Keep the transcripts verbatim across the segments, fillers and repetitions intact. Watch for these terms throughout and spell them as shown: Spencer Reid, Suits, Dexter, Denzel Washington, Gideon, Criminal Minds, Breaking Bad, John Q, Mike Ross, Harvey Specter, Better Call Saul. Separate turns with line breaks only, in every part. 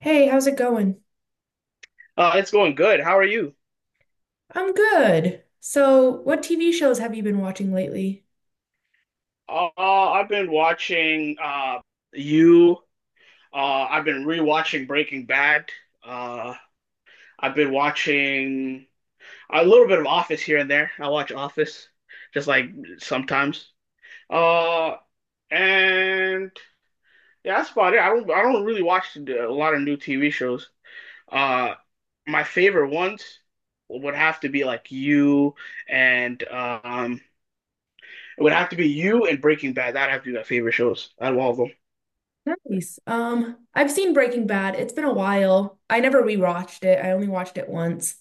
Hey, how's it going?
Uh, it's going good. How are you?
I'm good. So, what T V shows have you been watching lately?
Uh, I've been watching uh, you. Uh, I've been rewatching Breaking Bad. Uh, I've been watching a little bit of Office here and there. I watch Office just like sometimes. Uh, and yeah, that's about it. I don't I don't really watch a lot of new T V shows. Uh, my favorite ones would have to be like you and um. It would have to be you and Breaking Bad. That'd have to be my favorite shows out of all of them.
Nice. Um, I've seen Breaking Bad. It's been a while. I never rewatched it. I only watched it once.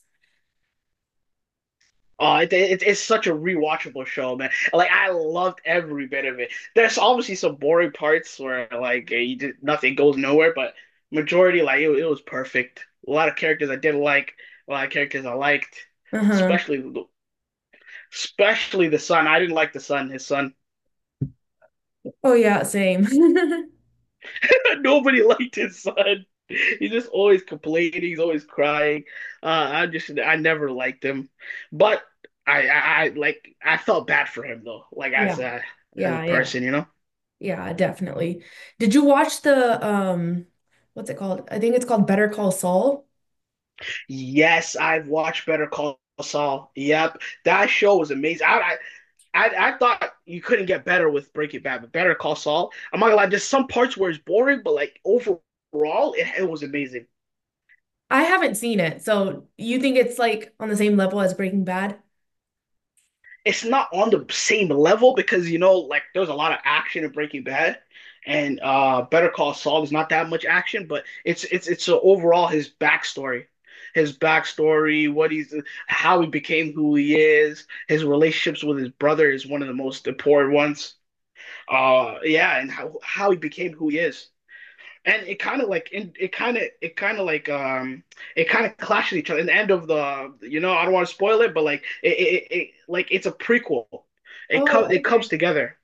Oh, it, it, it's such a rewatchable show, man. Like I loved every bit of it. There's obviously some boring parts where like you did, nothing goes nowhere, but majority like it, it was perfect. A lot of characters I didn't like, a lot of characters I liked,
Uh-huh.
especially especially the son. I didn't like the son. His son.
Oh yeah, same.
Nobody liked his son. He's just always complaining. He's always crying. Uh, I just I never liked him, but I, I I like I felt bad for him though. Like as
Yeah,
a as a
yeah, yeah.
person, you know.
Yeah, definitely. Did you watch the um what's it called? I think it's called Better Call Saul.
Yes, I've watched Better Call Saul. Yep, that show was amazing. I, I I, I thought you couldn't get better with Breaking Bad, but Better Call Saul. I'm not gonna lie, there's some parts where it's boring, but like overall, it, it was amazing.
I haven't seen it. So, you think it's like on the same level as Breaking Bad?
It's not on the same level because, you know like there's a lot of action in Breaking Bad, and uh Better Call Saul is not that much action, but it's it's it's uh, overall, his backstory his backstory what he's how he became who he is, his relationships with his brother is one of the most important ones. Uh yeah, and how how he became who he is, and it kind of like in, it kind of it kind of like um it kind of clashes each other in the end of the, you know, I don't want to spoil it, but like it, it, it like it's a prequel. it comes
Oh,
it comes together.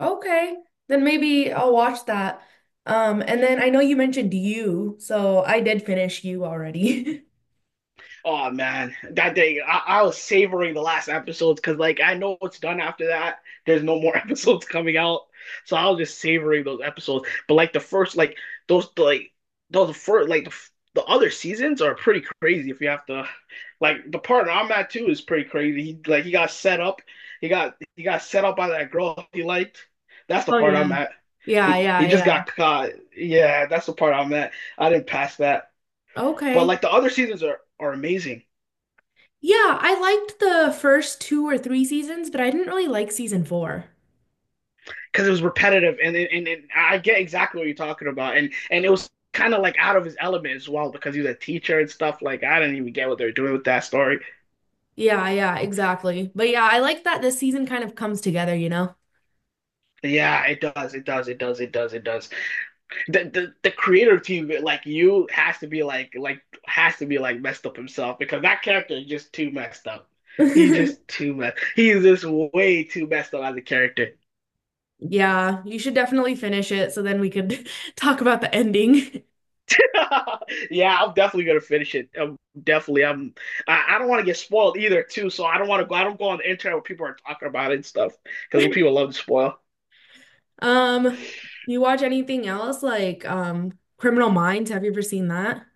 okay, then maybe I'll watch that. Um, and then I know you mentioned you, so I did finish you already.
Oh man, that day I, I was savoring the last episodes because, like, I know it's done after that. There's no more episodes coming out, so I was just savoring those episodes. But like the first, like those, like those first, like the the other seasons are pretty crazy. If you have to, like, the partner I'm at too is pretty crazy. He like he got set up. He got he got set up by that girl he liked. That's the
Oh
part I'm
yeah.
at.
Yeah,
He
yeah,
he just
yeah.
got caught. Yeah, that's the part I'm at. I didn't pass that. But
Okay.
like the other seasons are are amazing.
Yeah, I liked the first two or three seasons, but I didn't really like season four.
Because it was repetitive and, and and I get exactly what you're talking about, and and it was kind of like out of his element as well because he was a teacher and stuff like I didn't even get what they're doing with that story.
Yeah, yeah, exactly. But yeah, I like that this season kind of comes together, you know?
Yeah, it does, it does, it does, it does, it does. The the, the creator team like you has to be like like has to be like messed up himself because that character is just too messed up. He just too messed. He's just way too messed up as a character.
Yeah, you should definitely finish it so then we could talk about the ending.
Yeah, I'm definitely gonna finish it. I'm definitely. I'm. I, I don't want to get spoiled either, too. So I don't want to go. I don't go on the internet where people are talking about it and stuff because people love to spoil.
Um, you watch anything else like um Criminal Minds? Have you ever seen that?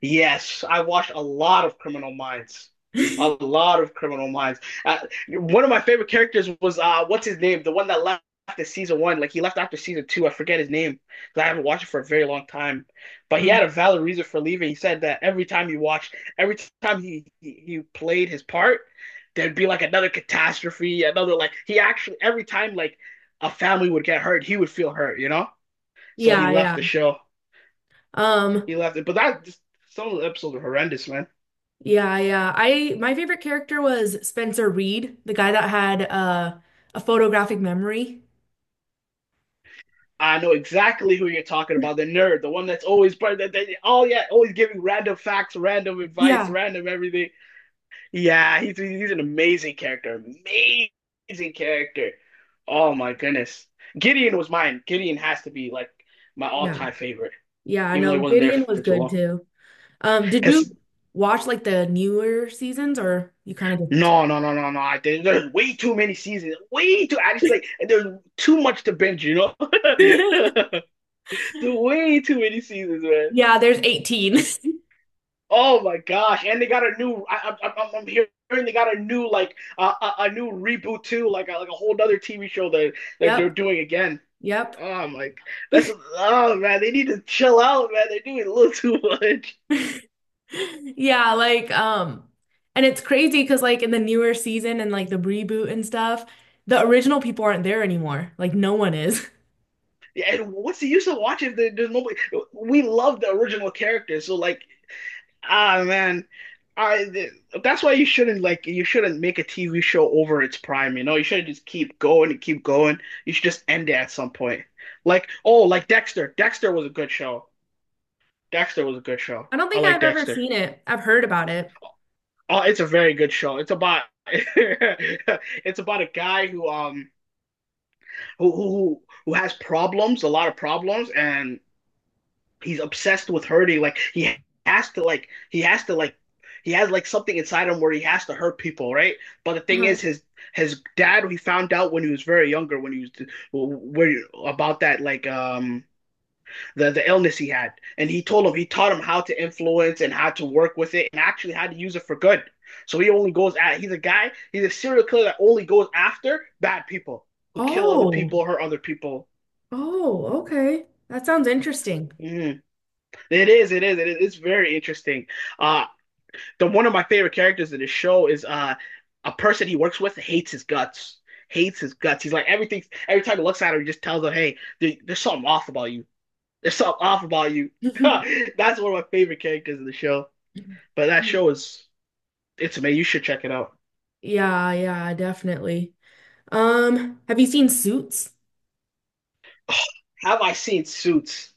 Yes, I watched a lot of Criminal Minds. A lot of Criminal Minds. Uh, one of my favorite characters was uh, what's his name? The one that left after season one. Like he left after season two. I forget his name because I haven't watched it for a very long time. But he
Um,
had a valid reason for leaving. He said that every time he watched, every time he he, he played his part, there'd be like another catastrophe, another like he actually every time like a family would get hurt, he would feel hurt, you know. So he
yeah,
left the
yeah.
show.
Um,
He left it, but that just, some of the episodes are horrendous, man.
yeah, yeah. I My favorite character was Spencer Reed, the guy that had uh, a photographic memory.
I know exactly who you're talking about. The nerd, the one that's always part that, that oh yeah, always giving random facts, random advice,
Yeah,
random everything. Yeah, he's he's an amazing character, amazing character. Oh my goodness, Gideon was mine. Gideon has to be like my
yeah.
all-time favorite,
Yeah, I
even though
know
he wasn't there
Gideon was
for too
good
long.
too. Um, did you
Because
watch like the newer seasons or you kind of just
no, no, no, no, no. I think there's way too many seasons. Way too. I just like there's too much to binge. You know, there's way too many seasons, man.
Yeah, there's eighteen.
Oh my gosh! And they got a new. I, I, I'm, I'm hearing they got a new like uh, a, a new reboot too, like a, like a whole other T V show that that they're
Yep.
doing again.
Yep.
Oh my, that's oh man, they need to chill out, man. They're doing a little too much.
Yeah, like um and it's crazy because like in the newer season and like the reboot and stuff, the original people aren't there anymore. Like no one is.
Yeah, and what's the use of watching if there's nobody? We love the original character, so like, ah man, I th- that's why you shouldn't like you shouldn't make a T V show over its prime. You know, you should just keep going and keep going. You should just end it at some point. Like oh, like Dexter. Dexter was a good show. Dexter was a good show.
I don't
I
think
like
I've ever
Dexter.
seen it. I've heard about it.
Oh, it's a very good show. It's about it's about a guy who um who who who has problems, a lot of problems, and he's obsessed with hurting. Like he has to like he has to like he has like something inside him where he has to hurt people, right? But the thing is,
Uh-huh.
his his dad he found out when he was very younger when he was where about that like um the the illness he had, and he told him he taught him how to influence and how to work with it and actually how to use it for good. So he only goes at he's a guy he's a serial killer that only goes after bad people who kill other
Oh.
people, hurt other people.
Oh, okay. That sounds interesting.
Mm. It is, it is, it is. It's very interesting. Uh, the one of my favorite characters in the show is uh a person he works with hates his guts. Hates his guts. He's like everything. Every time he looks at her, he just tells her, "Hey, there- there's something off about you. There's something off about you." That's one of my favorite characters in the show. But that show is, it's amazing. You should check it out.
Yeah, yeah, definitely. Um, have you seen Suits?
Have I seen Suits?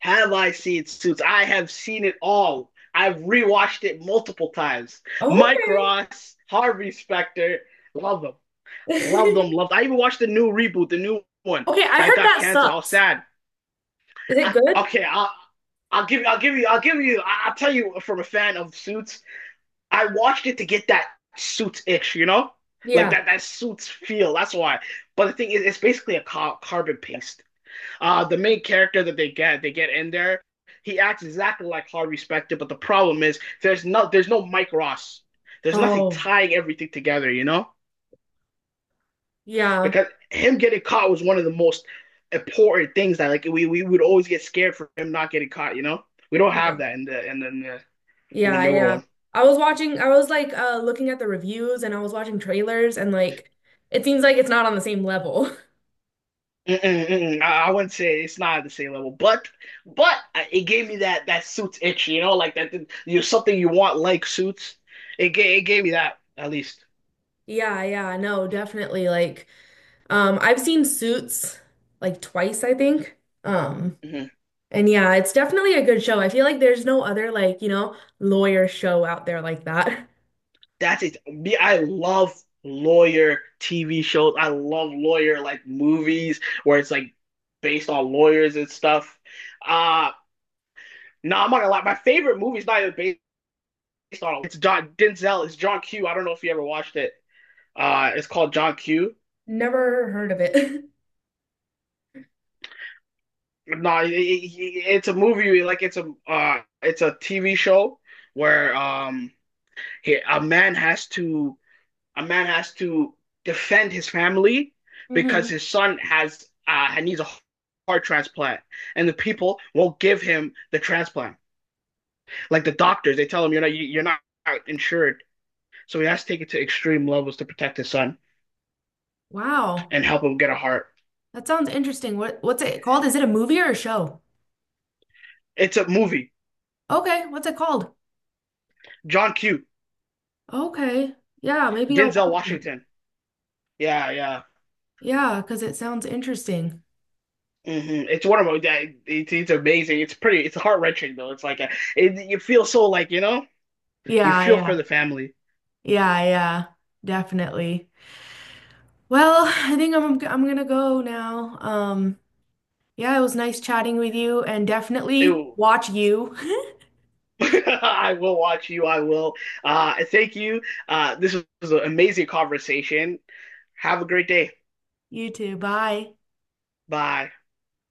Have I seen Suits? I have seen it all. I've rewatched it multiple times.
Oh,
Mike
okay.
Ross, Harvey Specter, love them. Love them, loved. I even watched the new reboot, the new one
Okay, I
that
heard
got
that
canceled. I was
sucks.
sad.
Is it
I,
good?
okay, I, I'll give you, I'll give you, I'll give you. I will tell you from a fan of Suits, I watched it to get that Suits itch, you know, like
Yeah.
that that Suits feel. That's why. But the thing is, it's basically a car- carbon paste. Uh, the main character that they get, they get, in there. He acts exactly like Harvey Specter, but the problem is there's no there's no Mike Ross. There's nothing
Oh,
tying everything together, you know.
yeah,
Because him getting caught was one of the most important things that like we, we would always get scared for him not getting caught, you know? We don't
yeah,
have that in the in the in the, in the
yeah,
newer
yeah.
one.
I was watching, I was like uh looking at the reviews and I was watching trailers and like it seems like it's not on the same level.
Mm-mm, mm-mm. I, I wouldn't say it's not at the same level, but but it gave me that that suits itch, you know, like that you something you want like suits. It gave it gave me that at least.
Yeah, yeah, no, definitely. Like, um, I've seen Suits like twice, I think. Um,
hmm
And yeah, it's definitely a good show. I feel like there's no other like, you know, lawyer show out there like that.
That's it. Me, I love lawyer T V shows. I love lawyer like movies where it's like based on lawyers and stuff. Uh No, nah, I'm not gonna lie. My favorite movie is not even based on it. It's John Denzel. It's John Q. I don't know if you ever watched it. Uh, it's called John Q.
Never heard of it.
No, nah, it, it- it's a movie. Like it's a uh, it's a T V show where um, he, a man has to a man has to defend his family because
Hmm.
his son has uh needs a heart transplant, and the people won't give him the transplant. Like the doctors, they tell him you're not you- you're not insured, so he has to take it to extreme levels to protect his son.
Wow.
And help him get a heart.
That sounds interesting. What what's it called? Is it a movie or a show?
It's a movie.
Okay, what's it called?
John Q.
Okay. Yeah, maybe I'll
Denzel
watch that.
Washington. Yeah, yeah.
Yeah, because it sounds interesting.
hmm It's one of my. It's, it's amazing. It's pretty. It's heart wrenching though. It's like a, it, you feel so like you know. You
Yeah,
feel
yeah.
for the family.
Yeah, yeah. Definitely. Well, I think I'm I'm gonna go now. Um, yeah, it was nice chatting with you and definitely
Ew.
watch you.
I will watch you. I will. Uh, thank you. Uh, this was an amazing conversation. Have a great day.
You too. Bye.
Bye.